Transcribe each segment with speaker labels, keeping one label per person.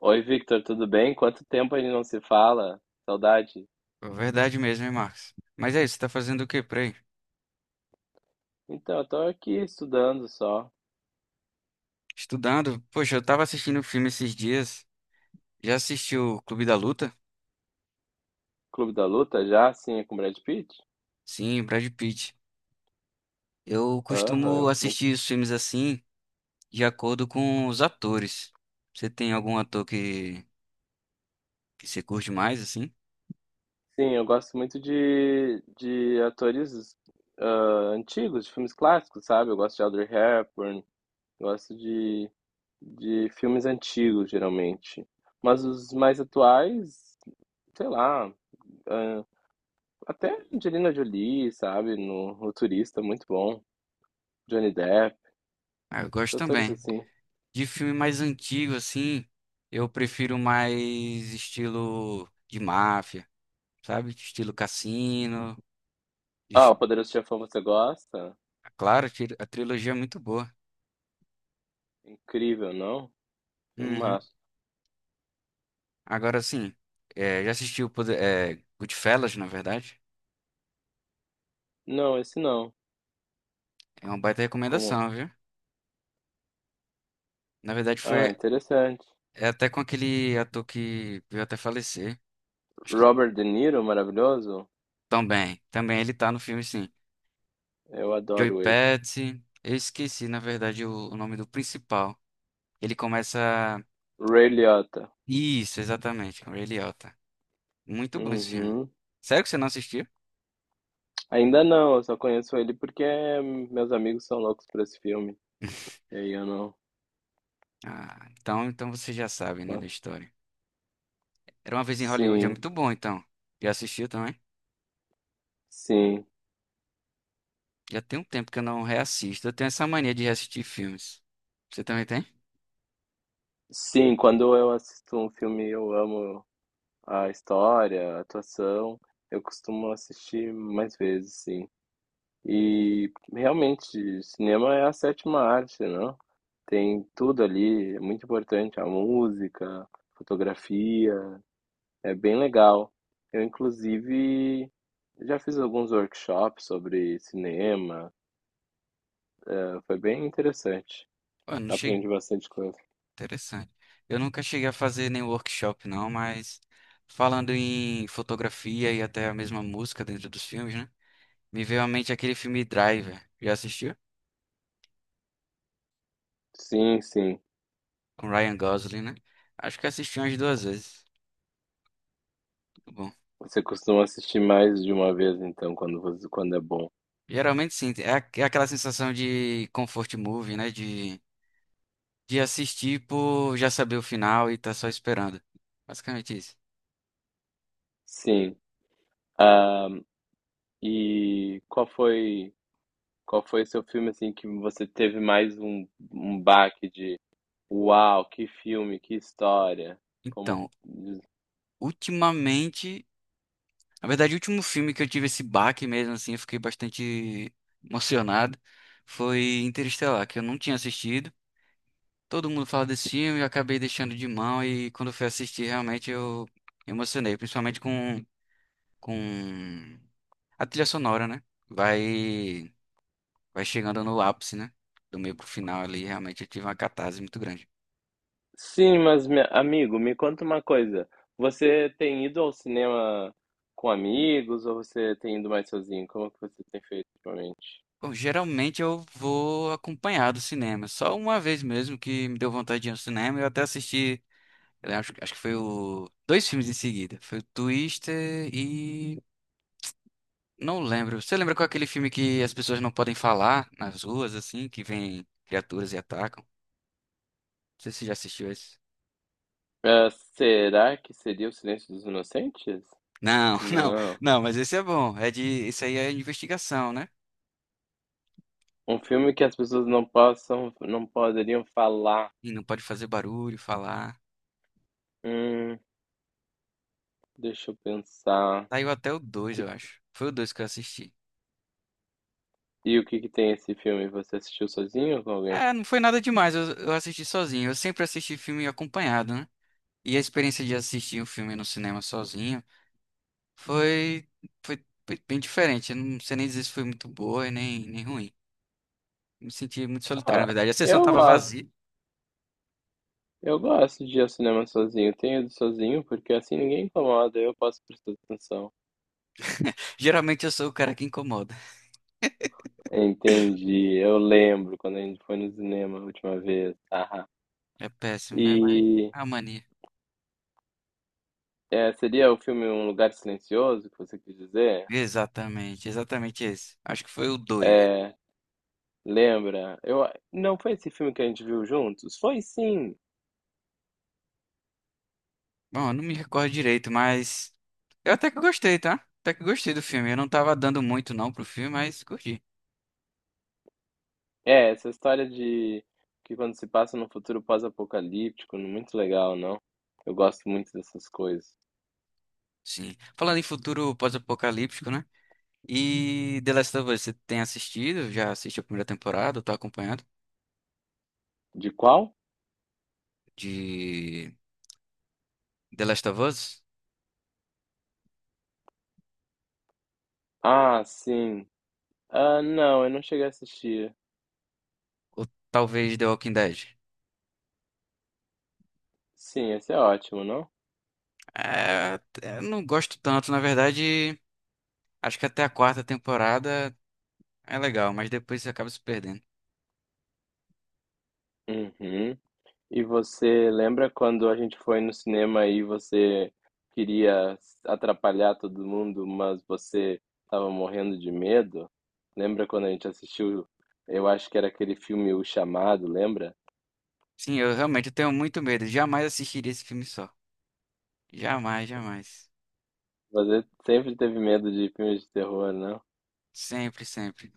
Speaker 1: Oi, Victor, tudo bem? Quanto tempo a gente não se fala? Saudade.
Speaker 2: Verdade mesmo, hein, Marcos? Mas é isso, você tá fazendo o quê por aí?
Speaker 1: Então, eu tô aqui estudando só.
Speaker 2: Estudando? Poxa, eu tava assistindo um filme esses dias. Já assistiu o Clube da Luta?
Speaker 1: Clube da Luta já? Sim, é com Brad Pitt?
Speaker 2: Sim, Brad Pitt. Eu costumo
Speaker 1: Aham.
Speaker 2: assistir os filmes assim, de acordo com os atores. Você tem algum ator que você curte mais, assim?
Speaker 1: Sim, eu gosto muito de atores ah, antigos, de filmes clássicos, sabe? Eu gosto de Audrey Hepburn, gosto de, de filmes antigos, geralmente. Mas os mais atuais, sei lá, ah, até Angelina Jolie, sabe? No Turista, muito bom. Johnny Depp,
Speaker 2: Ah, eu gosto
Speaker 1: atores
Speaker 2: também.
Speaker 1: assim.
Speaker 2: De filme mais antigo, assim, eu prefiro mais estilo de máfia, sabe? Estilo cassino.
Speaker 1: Ah,
Speaker 2: Es-
Speaker 1: o Poderoso Chefão você gosta?
Speaker 2: Claro, a trilogia é muito boa.
Speaker 1: Incrível, não?
Speaker 2: Uhum.
Speaker 1: Filmaço.
Speaker 2: Agora sim, já assisti o Goodfellas, na verdade.
Speaker 1: Não, esse não.
Speaker 2: É uma baita
Speaker 1: Como?
Speaker 2: recomendação, viu? Na verdade,
Speaker 1: Ah,
Speaker 2: foi
Speaker 1: interessante.
Speaker 2: é até com aquele ator que veio até falecer. Acho que
Speaker 1: Robert De Niro, maravilhoso?
Speaker 2: também. Também ele tá no filme, sim.
Speaker 1: Eu
Speaker 2: Joey
Speaker 1: adoro ele.
Speaker 2: Pesci. Eu esqueci, na verdade, o nome do principal. Ele começa.
Speaker 1: Ray Liotta.
Speaker 2: Isso, exatamente, com o Ray Liotta. Muito bom esse filme.
Speaker 1: Uhum.
Speaker 2: Sério que você não assistiu?
Speaker 1: Ainda não, eu só conheço ele porque meus amigos são loucos por esse filme. E aí eu não.
Speaker 2: Ah, então você já sabe, né, da
Speaker 1: mas-
Speaker 2: história. Era uma vez em Hollywood, é
Speaker 1: Sim,
Speaker 2: muito bom, então. Já assistiu também?
Speaker 1: sim.
Speaker 2: Já tem um tempo que eu não reassisto. Eu tenho essa mania de reassistir filmes. Você também tem?
Speaker 1: Sim, quando eu assisto um filme eu amo a história, a atuação, eu costumo assistir mais vezes, sim. E realmente, cinema é a sétima arte, não. Tem tudo ali, é muito importante, a música, fotografia, é bem legal. Eu, inclusive, já fiz alguns workshops sobre cinema, foi bem interessante.
Speaker 2: Pô, eu não
Speaker 1: Aprendi
Speaker 2: cheguei.
Speaker 1: bastante coisa.
Speaker 2: Interessante. Eu nunca cheguei a fazer nenhum workshop, não, mas falando em fotografia e até a mesma música dentro dos filmes, né? Me veio à mente aquele filme Driver. Já assistiu?
Speaker 1: Sim, sim.
Speaker 2: Com Ryan Gosling, né? Acho que assisti umas duas vezes. Muito bom.
Speaker 1: Você costuma assistir mais de uma vez, então, quando é bom.
Speaker 2: Geralmente sim, é é aquela sensação de comfort movie, né? De assistir por já saber o final e tá só esperando. Basicamente isso.
Speaker 1: Sim. Ah, e qual foi Qual foi o seu filme assim que você teve mais um baque de uau, que filme, que história? Como.
Speaker 2: Então, ultimamente, na verdade, o último filme que eu tive esse baque mesmo, assim, eu fiquei bastante emocionado, foi Interestelar, que eu não tinha assistido. Todo mundo fala desse filme, eu acabei deixando de mão e quando eu fui assistir, realmente eu me emocionei, principalmente com a trilha sonora, né? Vai, vai chegando no ápice, né? Do meio pro final ali, realmente eu tive uma catarse muito grande.
Speaker 1: Sim, amigo, me conta uma coisa. Você tem ido ao cinema com amigos ou você tem ido mais sozinho? Como que você tem feito ultimamente?
Speaker 2: Bom, geralmente eu vou acompanhado do cinema. Só uma vez mesmo que me deu vontade de ir ao cinema. Eu até assisti, eu acho que foi o. Dois filmes em seguida. Foi o Twister e. Não lembro. Você lembra qual é aquele filme que as pessoas não podem falar nas ruas, assim, que vem criaturas e atacam? Não sei se você já assistiu esse.
Speaker 1: Ah, será que seria O Silêncio dos Inocentes?
Speaker 2: Não, não,
Speaker 1: Não.
Speaker 2: não, mas esse é bom. É de. Esse aí é investigação, né?
Speaker 1: Um filme que as pessoas não poderiam falar.
Speaker 2: E não pode fazer barulho, falar.
Speaker 1: Hum, deixa eu pensar.
Speaker 2: Saiu até o dois eu acho. Foi o dois que eu assisti.
Speaker 1: E o que que tem esse filme? Você assistiu sozinho ou com alguém?
Speaker 2: É, não foi nada demais, eu assisti sozinho. Eu sempre assisti filme acompanhado, né? E a experiência de assistir um filme no cinema sozinho. Foi, foi bem diferente. Eu não sei nem dizer se foi muito boa e nem ruim. Me senti muito solitário, na
Speaker 1: Ah,
Speaker 2: verdade. A sessão
Speaker 1: eu
Speaker 2: tava
Speaker 1: gosto.
Speaker 2: vazia.
Speaker 1: Eu gosto de ir ao cinema sozinho. Tenho ido sozinho porque assim ninguém incomoda, eu posso prestar atenção.
Speaker 2: Geralmente eu sou o cara que incomoda.
Speaker 1: Entendi. Eu lembro quando a gente foi no cinema a última vez. Haha.
Speaker 2: É péssimo, né? Mas
Speaker 1: E
Speaker 2: é a mania.
Speaker 1: é, seria o filme Um Lugar Silencioso que você quis dizer?
Speaker 2: Exatamente, exatamente esse. Acho que foi o dois.
Speaker 1: É, lembra? Não foi esse filme que a gente viu juntos? Foi sim.
Speaker 2: Bom, eu não me recordo direito, mas eu até que gostei, tá? Até que gostei do filme. Eu não tava dando muito não pro filme, mas curti.
Speaker 1: É, essa história de que quando se passa num futuro pós-apocalíptico, muito legal, não? Eu gosto muito dessas coisas.
Speaker 2: Sim. Falando em futuro pós-apocalíptico, né? E The Last of Us, você tem assistido? Já assistiu a primeira temporada? Tô acompanhando?
Speaker 1: De qual?
Speaker 2: De The Last of Us?
Speaker 1: Ah, sim. Ah, não, eu não cheguei a assistir.
Speaker 2: Ou talvez The Walking Dead?
Speaker 1: Sim, esse é ótimo, não?
Speaker 2: É, eu não gosto tanto, na verdade, acho que até a quarta temporada é legal, mas depois você acaba se perdendo.
Speaker 1: Uhum. E você lembra quando a gente foi no cinema e você queria atrapalhar todo mundo, mas você estava morrendo de medo? Lembra quando a gente assistiu, eu acho que era aquele filme O Chamado, lembra?
Speaker 2: Sim, eu realmente tenho muito medo, jamais assistiria esse filme só. Jamais, jamais.
Speaker 1: Você sempre teve medo de filmes de terror, não?
Speaker 2: Sempre, sempre.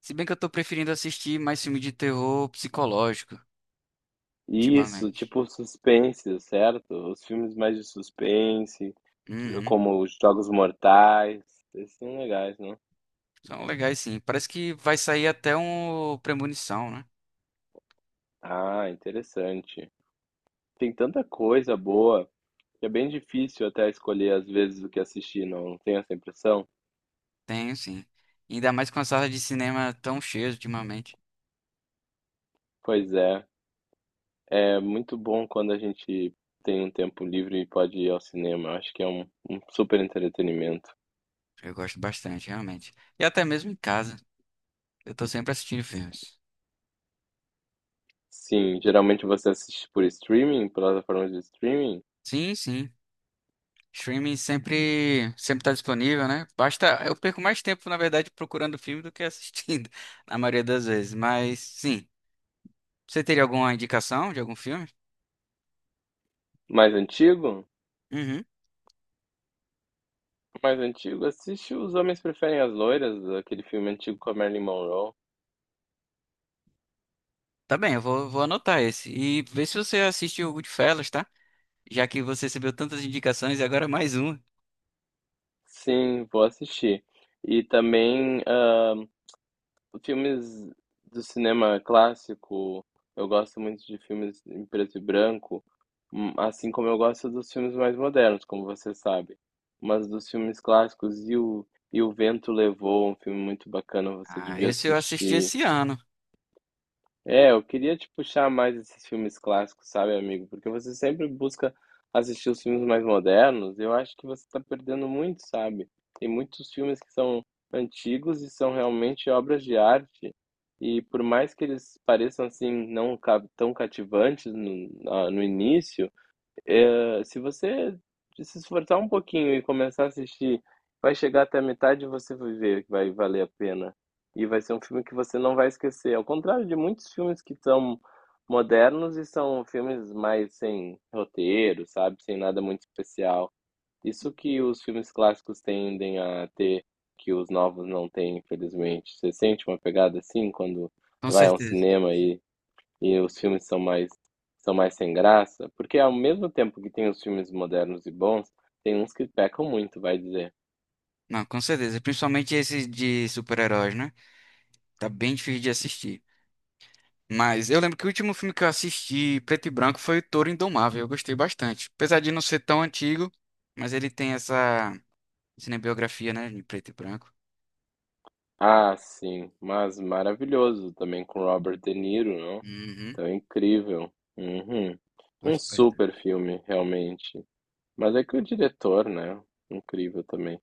Speaker 2: Se bem que eu tô preferindo assistir mais filme de terror psicológico,
Speaker 1: Isso,
Speaker 2: ultimamente.
Speaker 1: tipo suspense, certo? Os filmes mais de suspense,
Speaker 2: Uhum.
Speaker 1: como os Jogos Mortais, esses são legais, não?
Speaker 2: São legais, sim. Parece que vai sair até um Premonição, né?
Speaker 1: Ah, interessante. Tem tanta coisa boa que é bem difícil até escolher às vezes o que assistir, não tem essa impressão?
Speaker 2: Tenho, sim. Ainda mais com a sala de cinema tão cheia ultimamente.
Speaker 1: Pois é, é muito bom quando a gente tem um tempo livre e pode ir ao cinema. Eu acho que é um super entretenimento.
Speaker 2: Eu gosto bastante, realmente. E até mesmo em casa, eu tô sempre assistindo filmes.
Speaker 1: Sim, geralmente você assiste por streaming, plataformas de streaming?
Speaker 2: Sim, sim. Streaming sempre, sempre tá disponível, né? Basta, eu perco mais tempo, na verdade, procurando filme do que assistindo, na maioria das vezes. Mas, sim. Você teria alguma indicação de algum filme?
Speaker 1: Mais antigo?
Speaker 2: Uhum.
Speaker 1: Mais antigo? Assiste Os Homens Preferem as Loiras, aquele filme antigo com a Marilyn Monroe.
Speaker 2: Tá bem, eu vou anotar esse. E vê se você assistiu o Goodfellas, tá? Já que você recebeu tantas indicações e agora mais uma.
Speaker 1: Sim, vou assistir. E também filmes do cinema clássico. Eu gosto muito de filmes em preto e branco, assim como eu gosto dos filmes mais modernos, como você sabe. Mas dos filmes clássicos, e o Vento Levou, um filme muito bacana, você
Speaker 2: Ah,
Speaker 1: devia
Speaker 2: esse eu assisti
Speaker 1: assistir.
Speaker 2: esse ano,
Speaker 1: É, eu queria te puxar mais esses filmes clássicos, sabe, amigo? Porque você sempre busca assistir os filmes mais modernos. Eu acho que você está perdendo muito, sabe? Tem muitos filmes que são antigos e são realmente obras de arte. E por mais que eles pareçam assim tão cativantes no início, se você se esforçar um pouquinho e começar a assistir, vai chegar até a metade e você vai ver que vai valer a pena. E vai ser um filme que você não vai esquecer. Ao contrário de muitos filmes que são modernos e são filmes mais sem roteiro, sabe? Sem nada muito especial. Isso que os filmes clássicos tendem a ter, que os novos não têm, infelizmente. Você sente uma pegada assim quando
Speaker 2: com
Speaker 1: vai a um
Speaker 2: certeza.
Speaker 1: cinema e os filmes são mais sem graça, porque ao mesmo tempo que tem os filmes modernos e bons, tem uns que pecam muito, vai dizer.
Speaker 2: Não, com certeza. Principalmente esse de super-heróis, né? Tá bem difícil de assistir. Mas eu lembro que o último filme que eu assisti, preto e branco, foi O Touro Indomável. Eu gostei bastante. Apesar de não ser tão antigo, mas ele tem essa cinebiografia, né, em preto e branco.
Speaker 1: Ah, sim, mas maravilhoso também com Robert De Niro, não?
Speaker 2: Uhum,
Speaker 1: Então é incrível. Uhum. Um
Speaker 2: gosto bastante.
Speaker 1: super filme, realmente. Mas é que o diretor, né? Incrível também.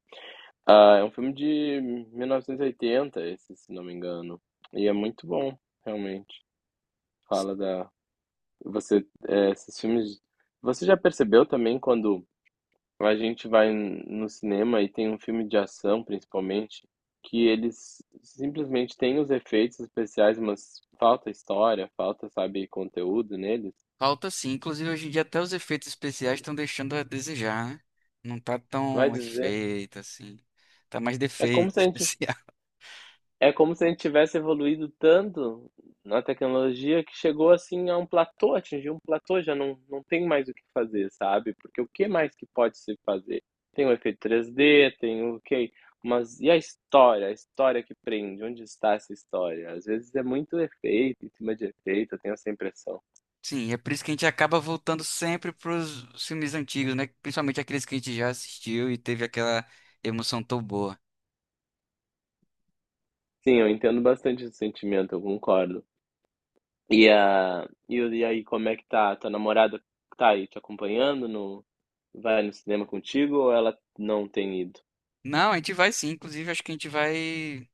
Speaker 1: Ah, é um filme de 1980, esse, se não me engano. E é muito bom, realmente.
Speaker 2: Sim.
Speaker 1: Fala da Você, esses filmes. Você já percebeu também quando a gente vai no cinema e tem um filme de ação, principalmente, que eles simplesmente têm os efeitos especiais, mas falta história, falta, sabe, conteúdo neles?
Speaker 2: Falta sim. Inclusive, hoje em dia, até os efeitos especiais estão deixando a desejar, né? Não tá
Speaker 1: Vai
Speaker 2: tão
Speaker 1: dizer.
Speaker 2: efeito assim. Tá mais
Speaker 1: É como
Speaker 2: defeito
Speaker 1: se a gente,
Speaker 2: especial.
Speaker 1: É como se a gente tivesse evoluído tanto na tecnologia que chegou, assim, a um platô, atingiu um platô, já não tem mais o que fazer, sabe, porque o que mais que pode se fazer? Tem o efeito três d tem o que mas e a história? A história que prende, onde está essa história? Às vezes é muito efeito, em cima de efeito, eu tenho essa impressão.
Speaker 2: Sim, é por isso que a gente acaba voltando sempre pros filmes antigos, né? Principalmente aqueles que a gente já assistiu e teve aquela emoção tão boa.
Speaker 1: Sim, eu entendo bastante esse sentimento, eu concordo. E aí, como é que tá? Tua namorada tá aí te acompanhando? No, vai no cinema contigo ou ela não tem ido?
Speaker 2: Não, a gente vai sim. Inclusive, acho que a gente vai.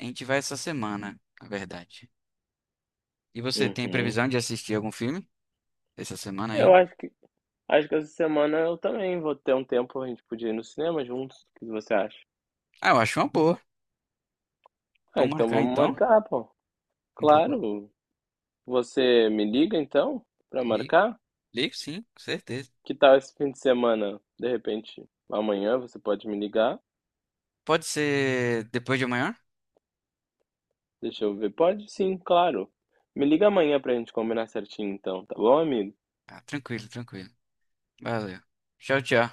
Speaker 2: A gente vai essa semana, na verdade. E você tem
Speaker 1: Uhum.
Speaker 2: previsão de assistir algum filme essa semana
Speaker 1: Eu
Speaker 2: ainda?
Speaker 1: acho que essa semana eu também vou ter um tempo, a gente podia ir no cinema juntos. O que você acha?
Speaker 2: Ah, eu acho uma boa.
Speaker 1: Ah,
Speaker 2: Vamos
Speaker 1: então
Speaker 2: marcar
Speaker 1: vamos
Speaker 2: então?
Speaker 1: marcar, pô.
Speaker 2: Vou-
Speaker 1: Claro. Você me liga então pra
Speaker 2: ligo,
Speaker 1: marcar?
Speaker 2: ligo sim, com certeza.
Speaker 1: Que tal esse fim de semana? De repente, amanhã você pode me ligar?
Speaker 2: Pode ser depois de amanhã?
Speaker 1: Deixa eu ver. Pode sim, claro. Me liga amanhã pra gente combinar certinho então, tá bom, amigo?
Speaker 2: Ah, tranquilo, tranquilo. Valeu. Tchau, tchau.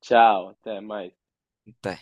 Speaker 1: Tchau, até mais.
Speaker 2: Até.